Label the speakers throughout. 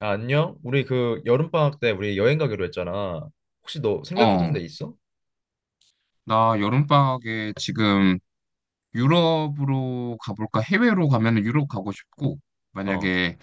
Speaker 1: 아, 안녕? 우리 그 여름방학 때 우리 여행 가기로 했잖아. 혹시 너 생각해둔
Speaker 2: 어,
Speaker 1: 데 있어?
Speaker 2: 나 여름방학에 지금 유럽으로 가볼까? 해외로 가면은 유럽 가고 싶고,
Speaker 1: 어.
Speaker 2: 만약에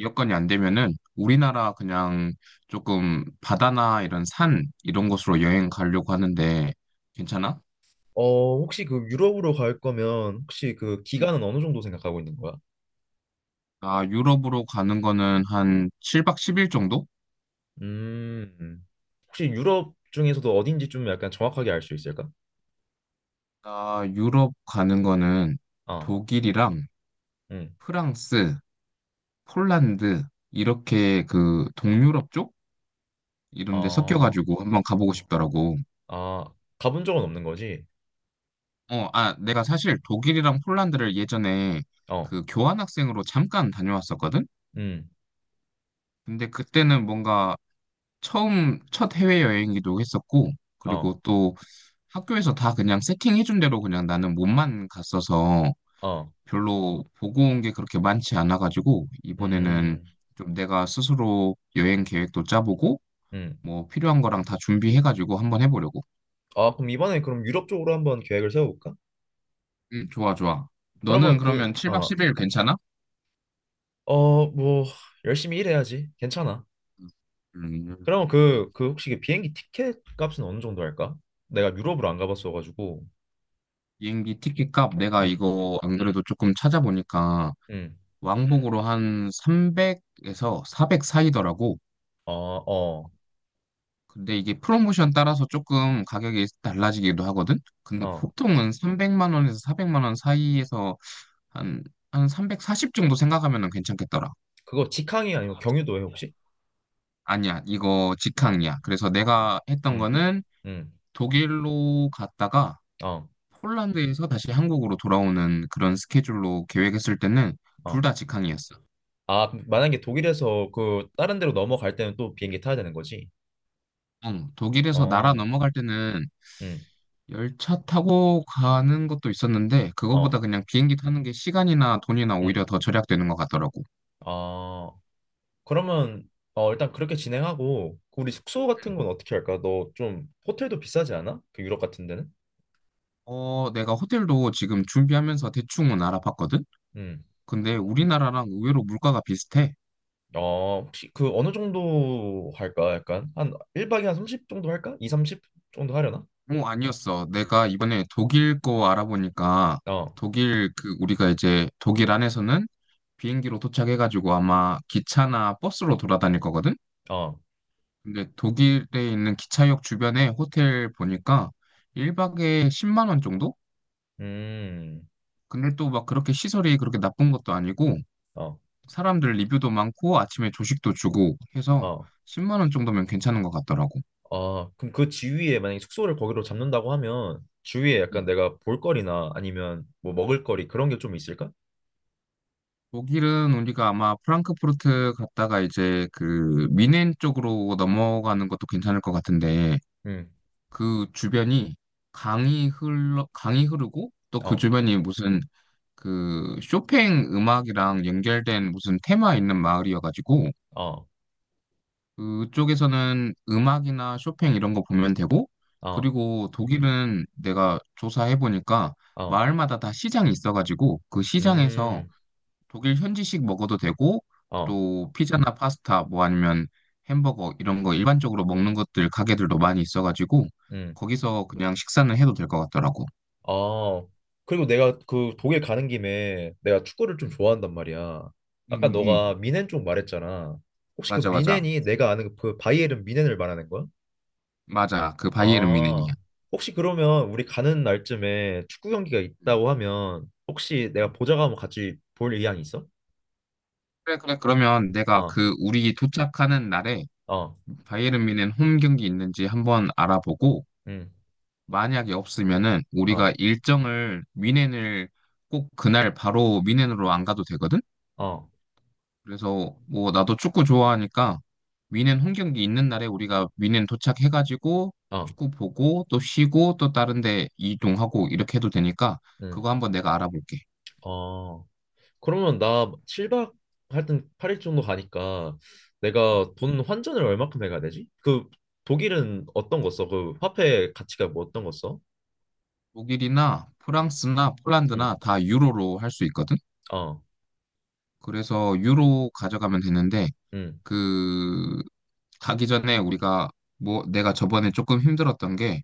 Speaker 2: 여건이 안 되면은 우리나라 그냥 조금 바다나 이런 산 이런 곳으로 여행 가려고 하는데 괜찮아?
Speaker 1: 어, 혹시 그 유럽으로 갈 거면 혹시 그
Speaker 2: 응.
Speaker 1: 기간은 어느 정도 생각하고 있는 거야?
Speaker 2: 나 유럽으로 가는 거는 한 7박 10일 정도?
Speaker 1: 음. 혹시 유럽 중에서도 어딘지 좀 약간 정확하게 알 수 있을까?
Speaker 2: 나 유럽 가는 거는
Speaker 1: 어.
Speaker 2: 독일이랑
Speaker 1: 응.
Speaker 2: 프랑스, 폴란드 이렇게 그 동유럽 쪽 이런 데
Speaker 1: 아.
Speaker 2: 섞여가지고 한번 가보고 싶더라고.
Speaker 1: 아, 가본 적은 없는 거지?
Speaker 2: 어, 아, 내가 사실 독일이랑 폴란드를 예전에
Speaker 1: 어.
Speaker 2: 그 교환학생으로 잠깐 다녀왔었거든?
Speaker 1: 음.
Speaker 2: 근데 그때는 뭔가 처음 첫 해외여행이기도 했었고,
Speaker 1: 어.
Speaker 2: 그리고 또 학교에서 다 그냥 세팅해준 대로 그냥 나는 몸만 갔어서
Speaker 1: 어.
Speaker 2: 별로 보고 온 게 그렇게 많지 않아가지고, 이번에는
Speaker 1: 음.
Speaker 2: 좀 내가 스스로 여행 계획도 짜보고,
Speaker 1: 음.
Speaker 2: 뭐 필요한 거랑 다 준비해가지고 한번 해보려고.
Speaker 1: 아, 그럼 이번에 그럼 유럽 쪽으로 한번 계획을 세워볼까?
Speaker 2: 좋아, 좋아. 너는
Speaker 1: 그러면 그
Speaker 2: 그러면 7박
Speaker 1: 어.
Speaker 2: 10일 괜찮아?
Speaker 1: 어, 뭐 열심히 일해야지. 괜찮아.
Speaker 2: 음.
Speaker 1: 그럼 그, 그 혹시 그 비행기 티켓 값은 어느 정도 할까? 내가 유럽을 안 가봤어가지고.
Speaker 2: 비행기 티켓 값 내가
Speaker 1: 응,
Speaker 2: 이거 안 그래도 조금 찾아보니까
Speaker 1: 응.
Speaker 2: 왕복으로 한 300에서 400 사이더라고.
Speaker 1: 어, 어,
Speaker 2: 근데 이게 프로모션 따라서 조금 가격이 달라지기도 하거든. 근데
Speaker 1: 어.
Speaker 2: 보통은 300만 원에서 400만 원 사이에서 한 한 340 정도 생각하면 괜찮겠더라.
Speaker 1: 그거 직항이 아니면 경유도에 혹시?
Speaker 2: 아니야, 이거
Speaker 1: 어,
Speaker 2: 직항이야. 그래서
Speaker 1: 어.
Speaker 2: 내가 했던
Speaker 1: 응,
Speaker 2: 거는
Speaker 1: 응.
Speaker 2: 독일로 갔다가
Speaker 1: 어,
Speaker 2: 폴란드에서 다시 한국으로 돌아오는 그런 스케줄로 계획했을 때는 둘
Speaker 1: 어.
Speaker 2: 다 직항이었어.
Speaker 1: 아, 그럼 만약에 독일에서 그 다른 데로 넘어갈 때는 또 비행기 타야 되는 거지?
Speaker 2: 응, 독일에서 나라
Speaker 1: 어,
Speaker 2: 넘어갈 때는
Speaker 1: 응,
Speaker 2: 열차 타고 가는 것도 있었는데
Speaker 1: 어,
Speaker 2: 그거보다 그냥 비행기 타는 게 시간이나 돈이나
Speaker 1: 응.
Speaker 2: 오히려 더 절약되는 것 같더라고.
Speaker 1: 아, 그러면 어, 일단 그렇게 진행하고 그 우리 숙소 같은
Speaker 2: 응.
Speaker 1: 건 어떻게 할까? 너 좀 호텔도 비싸지 않아? 그 유럽 같은 데는?
Speaker 2: 어, 내가 호텔도 지금 준비하면서 대충은 알아봤거든?
Speaker 1: 응.
Speaker 2: 근데 우리나라랑 의외로 물가가 비슷해.
Speaker 1: 어, 혹시 그 어느 정도 할까? 약간 한 1박에 한 30 정도 할까? 2, 30 정도 하려나?
Speaker 2: 뭐 아니었어. 내가 이번에 독일 거 알아보니까
Speaker 1: 어,
Speaker 2: 독일 그 우리가 이제 독일 안에서는 비행기로 도착해가지고 아마 기차나 버스로 돌아다닐 거거든?
Speaker 1: 어,
Speaker 2: 근데 독일에 있는 기차역 주변에 호텔 보니까 1박에 10만 원 정도?
Speaker 1: 음,
Speaker 2: 근데 또 막 그렇게 시설이 그렇게 나쁜 것도 아니고
Speaker 1: 어,
Speaker 2: 사람들 리뷰도 많고 아침에 조식도 주고 해서
Speaker 1: 어,
Speaker 2: 10만 원 정도면 괜찮은 것 같더라고.
Speaker 1: 어. 그럼 그 지위에 만약에 숙소를 거기로 잡는다고 하면 주위에 약간
Speaker 2: 음.
Speaker 1: 내가 볼거리나 아니면 뭐 먹을거리 그런 게 좀 있을까?
Speaker 2: 독일은 우리가 아마 프랑크푸르트 갔다가 이제 그 미넨 쪽으로 넘어가는 것도 괜찮을 것 같은데
Speaker 1: 음,
Speaker 2: 그 주변이 강이 흐르고 또 그
Speaker 1: 어,
Speaker 2: 주변이 무슨 그 쇼팽 음악이랑 연결된 무슨 테마 있는 마을이어가지고
Speaker 1: 어,
Speaker 2: 그쪽에서는 음악이나 쇼팽 이런 거 보면 되고
Speaker 1: 어,
Speaker 2: 그리고 독일은 내가 조사해보니까
Speaker 1: 어,
Speaker 2: 마을마다 다 시장이 있어가지고 그 시장에서
Speaker 1: 음,
Speaker 2: 독일 현지식 먹어도 되고
Speaker 1: 어,
Speaker 2: 또 피자나 파스타 뭐 아니면 햄버거 이런 거 일반적으로 먹는 것들 가게들도 많이 있어가지고
Speaker 1: 음.
Speaker 2: 거기서 그냥 식사는 해도 될 것 같더라고.
Speaker 1: 아, 그리고 내가 그 독일 가는 김에 내가 축구를 좀
Speaker 2: 응,
Speaker 1: 좋아한단 말이야.
Speaker 2: 응,
Speaker 1: 아까 너가
Speaker 2: 응.
Speaker 1: 미넨 쪽 말했잖아. 혹시 그
Speaker 2: 맞아, 맞아.
Speaker 1: 미넨이 내가 아는 그 바이에른 미넨을 말하는 거야?
Speaker 2: 맞아. 그 바이에른 미넨이야.
Speaker 1: 아, 혹시 그러면 우리 가는 날쯤에 축구 경기가 있다고 하면 혹시
Speaker 2: 그래,
Speaker 1: 내가 보자고 하면 같이 볼 의향이 있어?
Speaker 2: 그래. 그러면 내가
Speaker 1: 아,
Speaker 2: 그 우리 도착하는 날에
Speaker 1: 어,
Speaker 2: 바이에른 뮌헨 홈 경기 있는지 한번 알아보고
Speaker 1: 음,
Speaker 2: 만약에 없으면은
Speaker 1: 어,
Speaker 2: 우리가 일정을 뮌헨을 꼭 그날 바로 뮌헨으로 안 가도 되거든?
Speaker 1: 응, 어,
Speaker 2: 그래서 뭐 나도 축구 좋아하니까 뮌헨 홈 경기 있는 날에 우리가 뮌헨 도착해가지고
Speaker 1: 어,
Speaker 2: 축구 보고 또 쉬고 또 다른 데 이동하고 이렇게 해도 되니까
Speaker 1: 음,
Speaker 2: 그거 한번 내가 알아볼게.
Speaker 1: 어. 그러면 나 7박 하여튼 8일 정도 가니까 내가 돈 환전을 얼마큼 해가야 되지? 그 독일은 어떤 거 써? 그 화폐 가치가 뭐 어떤 거 써?
Speaker 2: 독일이나 프랑스나
Speaker 1: 응,
Speaker 2: 폴란드나 다 유로로 할 수 있거든?
Speaker 1: 어,
Speaker 2: 그래서 유로 가져가면 되는데
Speaker 1: 응.
Speaker 2: 그 가기 전에 우리가 뭐 내가 저번에 조금 힘들었던 게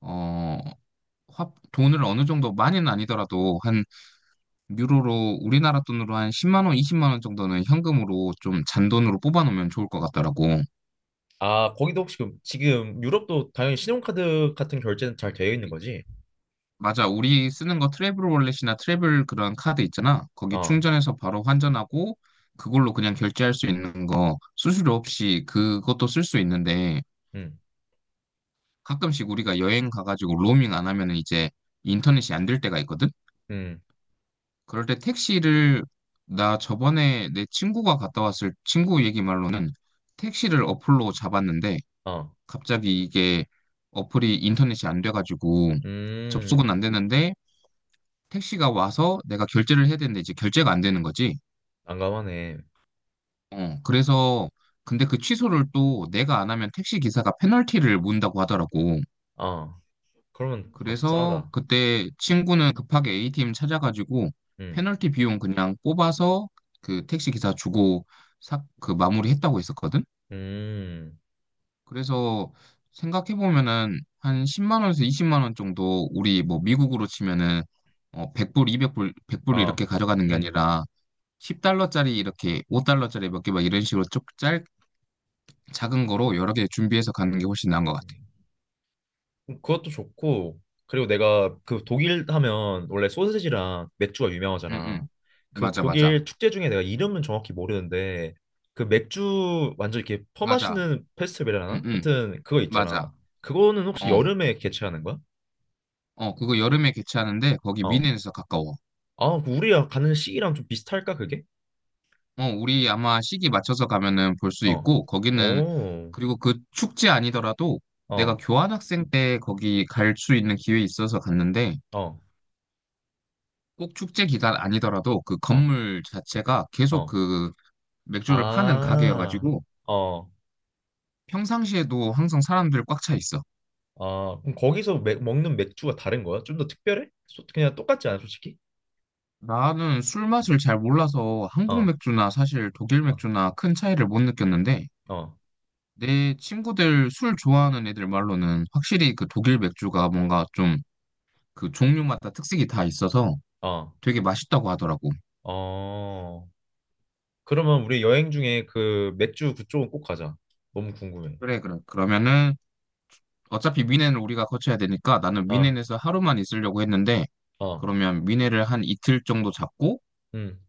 Speaker 2: 어, 돈을 어느 정도 많이는 아니더라도 한 유로로 우리나라 돈으로 한 10만 원, 20만 원 정도는 현금으로 좀 잔돈으로 뽑아 놓으면 좋을 것 같더라고.
Speaker 1: 아, 거기도 혹시 지금 유럽도 당연히 신용카드 같은 결제는 잘 되어 있는 거지?
Speaker 2: 맞아. 우리 쓰는 거 트래블 월렛이나 트래블 그런 카드 있잖아. 거기
Speaker 1: 어,
Speaker 2: 충전해서 바로 환전하고 그걸로 그냥 결제할 수 있는 거 수수료 없이 그것도 쓸 수 있는데
Speaker 1: 응,
Speaker 2: 가끔씩 우리가 여행 가가지고 로밍 안 하면은 이제 인터넷이 안 될 때가 있거든?
Speaker 1: 응,
Speaker 2: 그럴 때 나 저번에 내 친구가 갔다 왔을 친구 얘기 말로는 택시를 어플로 잡았는데
Speaker 1: 어,
Speaker 2: 갑자기 이게 어플이 인터넷이 안 돼가지고
Speaker 1: 음.
Speaker 2: 접속은 안 되는데 택시가 와서 내가 결제를 해야 되는데 이제 결제가 안 되는 거지.
Speaker 1: 난감하네.
Speaker 2: 어, 그래서 근데 그 취소를 또 내가 안 하면 택시 기사가 페널티를 문다고 하더라고.
Speaker 1: 어, 그러면 뭐
Speaker 2: 그래서
Speaker 1: 속상하다.
Speaker 2: 그때 친구는 급하게 A팀 찾아가지고
Speaker 1: 응,
Speaker 2: 페널티 비용 그냥 뽑아서 그 택시 기사 주고 그 마무리했다고 했었거든.
Speaker 1: 음,
Speaker 2: 그래서 생각해 보면은 한 10만 원에서 20만 원 정도 우리 뭐 미국으로 치면은 100불, 200불, 100불
Speaker 1: 아,
Speaker 2: 이렇게 가져가는 게
Speaker 1: 응.
Speaker 2: 아니라 10달러짜리 이렇게 5달러짜리 몇 개 막 이런 식으로 쭉 작은 거로 여러 개 준비해서 가는 게 훨씬 나은 것 같아.
Speaker 1: 그것도 좋고 그리고 내가 그 독일 하면 원래 소세지랑 맥주가
Speaker 2: 응,
Speaker 1: 유명하잖아.
Speaker 2: 응.
Speaker 1: 그
Speaker 2: 맞아,
Speaker 1: 독일
Speaker 2: 맞아.
Speaker 1: 축제 중에 내가 이름은 정확히 모르는데 그 맥주 완전 이렇게
Speaker 2: 맞아.
Speaker 1: 퍼마시는
Speaker 2: 응,
Speaker 1: 페스티벌이라나?
Speaker 2: 응.
Speaker 1: 하여튼 그거
Speaker 2: 맞아.
Speaker 1: 있잖아. 그거는 혹시
Speaker 2: 어,
Speaker 1: 여름에 개최하는 거야?
Speaker 2: 어, 그거 여름에 개최하는데 거기
Speaker 1: 어.
Speaker 2: 미넨에서 가까워.
Speaker 1: 아, 그 우리가 가는 시기랑 좀 비슷할까 그게?
Speaker 2: 어, 우리 아마 시기 맞춰서 가면은 볼 수
Speaker 1: 어.
Speaker 2: 있고 거기는
Speaker 1: 오.
Speaker 2: 그리고 그 축제 아니더라도 내가
Speaker 1: 어.
Speaker 2: 교환학생 때 거기 갈 수 있는 기회 있어서 갔는데
Speaker 1: 어.
Speaker 2: 꼭 축제 기간 아니더라도 그
Speaker 1: 어.
Speaker 2: 건물 자체가 계속
Speaker 1: 어.
Speaker 2: 그 맥주를 파는
Speaker 1: 아.
Speaker 2: 가게여가지고
Speaker 1: 어.
Speaker 2: 평상시에도 항상 사람들 꽉 차 있어.
Speaker 1: 아, 그럼 거기서 먹는 맥주가 다른 거야? 좀 더 특별해? 그냥 똑같지 않아, 솔직히?
Speaker 2: 나는 술 맛을 잘 몰라서 한국
Speaker 1: 어,
Speaker 2: 맥주나 사실 독일
Speaker 1: 어,
Speaker 2: 맥주나 큰 차이를 못 느꼈는데
Speaker 1: 어,
Speaker 2: 내 친구들 술 좋아하는 애들 말로는 확실히 그 독일 맥주가 뭔가 좀 그 종류마다 특색이 다 있어서
Speaker 1: 어,
Speaker 2: 되게 맛있다고 하더라고.
Speaker 1: 어. 그러면 우리 여행 중에 그 맥주 그쪽은 꼭 가자. 너무 궁금해.
Speaker 2: 그래, 그래. 그러면은 어차피 미넨을 우리가 거쳐야 되니까 나는
Speaker 1: 아,
Speaker 2: 미넨에서 하루만 있으려고 했는데
Speaker 1: 어,
Speaker 2: 그러면 미넨을 한 이틀 정도 잡고
Speaker 1: 음,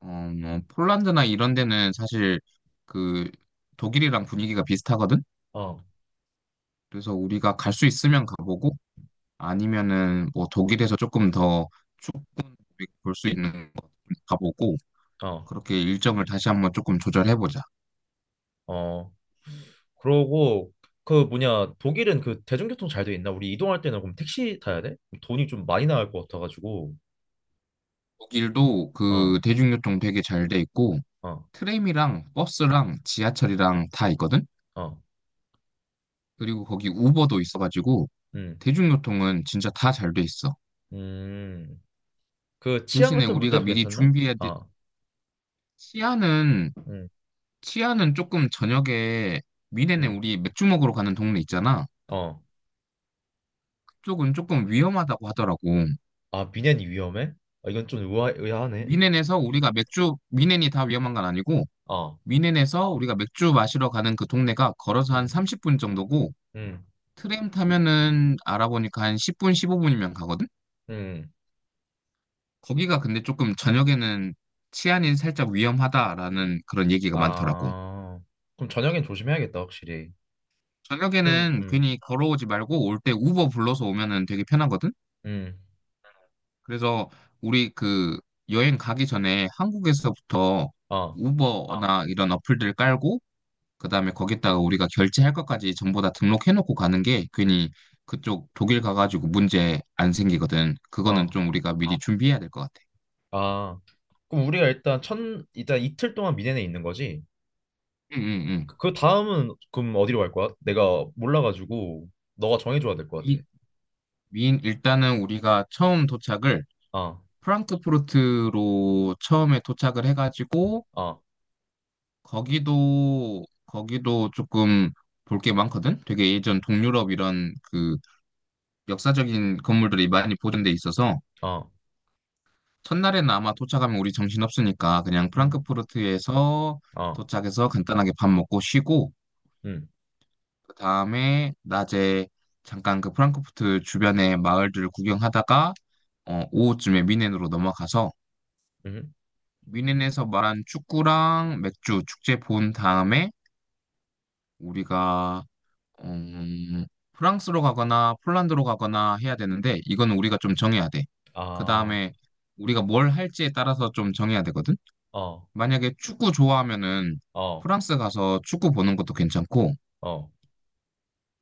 Speaker 2: 어, 뭐 폴란드나 이런 데는 사실 그 독일이랑 분위기가 비슷하거든.
Speaker 1: 어,
Speaker 2: 그래서 우리가 갈 수 있으면 가보고 아니면은 뭐 독일에서 조금 더 축구 볼수 있는 곳 가보고
Speaker 1: 어,
Speaker 2: 그렇게 일정을 다시 한번 조금 조절해보자.
Speaker 1: 어. 그러고 그 뭐냐 독일은 그 대중교통 잘 돼 있나? 우리 이동할 때는 그럼 택시 타야 돼? 돈이 좀 많이 나갈 것 같아가지고.
Speaker 2: 독일도
Speaker 1: 어,
Speaker 2: 그 대중교통 되게 잘 돼 있고
Speaker 1: 어,
Speaker 2: 트램이랑 버스랑 지하철이랑 다 있거든?
Speaker 1: 어,
Speaker 2: 그리고 거기 우버도 있어가지고
Speaker 1: 음,
Speaker 2: 대중교통은 진짜 다 잘 돼 있어.
Speaker 1: 음. 그 치안
Speaker 2: 대신에
Speaker 1: 같은
Speaker 2: 우리가
Speaker 1: 문제도
Speaker 2: 미리
Speaker 1: 괜찮나?
Speaker 2: 준비해야 돼.
Speaker 1: 아,
Speaker 2: 치안은
Speaker 1: 음,
Speaker 2: 치안은 조금 저녁에 미넨에
Speaker 1: 음,
Speaker 2: 우리 맥주 먹으러 가는 동네 있잖아.
Speaker 1: 어.
Speaker 2: 그쪽은 조금 위험하다고 하더라고.
Speaker 1: 아, 미넨이 위험해? 아, 이건 좀 의아하네.
Speaker 2: 미넨에서 우리가 맥주 미넨이 다 위험한 건 아니고
Speaker 1: 어.
Speaker 2: 미넨에서 우리가 맥주 마시러 가는 그 동네가 걸어서 한
Speaker 1: 음.
Speaker 2: 30분 정도고
Speaker 1: 음,
Speaker 2: 트램 타면은 알아보니까 한 10분, 15분이면 가거든?
Speaker 1: 음,
Speaker 2: 거기가 근데 조금 저녁에는 치안이 살짝 위험하다라는 그런 얘기가 많더라고.
Speaker 1: 아, 그럼 저녁엔 조심해야겠다, 확실히. 좀,
Speaker 2: 저녁에는 괜히 걸어오지 말고 올 때 우버 불러서 오면은 되게 편하거든?
Speaker 1: 음,
Speaker 2: 그래서 우리 그 여행 가기 전에 한국에서부터 어,
Speaker 1: 어,
Speaker 2: 우버나 이런 어플들 깔고 그다음에 거기다가 우리가 결제할 것까지 전부 다 등록해놓고 가는 게 괜히 그쪽 독일 가가지고 문제 안 생기거든. 그거는
Speaker 1: 어,
Speaker 2: 좀 우리가 아, 미리 아, 준비해야 될 것 같아.
Speaker 1: 아, 그럼 우리가 일단 일단 이틀 동안 미네네 있는 거지?
Speaker 2: 응, 응,
Speaker 1: 그,
Speaker 2: 응.
Speaker 1: 그 다음은 그럼 어디로 갈 거야? 내가 몰라가지고 너가 정해줘야 될 것 같아.
Speaker 2: 미, 인 일단은 우리가 처음 도착을
Speaker 1: 어,
Speaker 2: 프랑크푸르트로 처음에 도착을 해가지고
Speaker 1: 어,
Speaker 2: 거기도 조금 볼 게 많거든. 되게 예전 동유럽 이런 그 역사적인 건물들이 많이 보존돼 있어서
Speaker 1: 어,
Speaker 2: 첫날에는 아마 도착하면 우리 정신없으니까 그냥
Speaker 1: 음,
Speaker 2: 프랑크푸르트에서
Speaker 1: 어,
Speaker 2: 도착해서 간단하게 밥 먹고 쉬고
Speaker 1: 음,
Speaker 2: 그 다음에 낮에 잠깐 그 프랑크푸르트 주변의 마을들을 구경하다가 어, 오후쯤에 뮌헨으로 넘어가서
Speaker 1: 음,
Speaker 2: 뮌헨에서 말한 축구랑 맥주 축제 본 다음에 우리가 음, 프랑스로 가거나 폴란드로 가거나 해야 되는데 이건 우리가 좀 정해야 돼. 그
Speaker 1: 아,
Speaker 2: 다음에 우리가 뭘 할지에 따라서 좀 정해야 되거든.
Speaker 1: 어,
Speaker 2: 만약에 축구 좋아하면은
Speaker 1: 어,
Speaker 2: 프랑스 가서 축구 보는 것도 괜찮고,
Speaker 1: 어,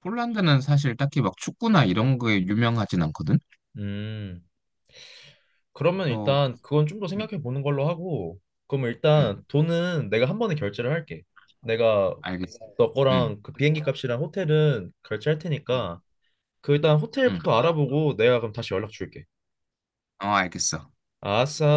Speaker 2: 폴란드는 사실 딱히 막 축구나 이런 거에 유명하진 않거든?
Speaker 1: 음. 그러면
Speaker 2: 그래서,
Speaker 1: 일단 그건 좀 더
Speaker 2: 응,
Speaker 1: 생각해 보는 걸로 하고, 그럼
Speaker 2: 응,
Speaker 1: 일단 돈은 내가 한 번에 결제를 할게. 내가
Speaker 2: 알겠어.
Speaker 1: 너
Speaker 2: 응,
Speaker 1: 거랑 그 비행기 값이랑 호텔은 결제할
Speaker 2: 응,
Speaker 1: 테니까 그 일단
Speaker 2: 응.
Speaker 1: 호텔부터 알아보고 내가 그럼 다시 연락 줄게.
Speaker 2: 어, 알겠어.
Speaker 1: 아싸.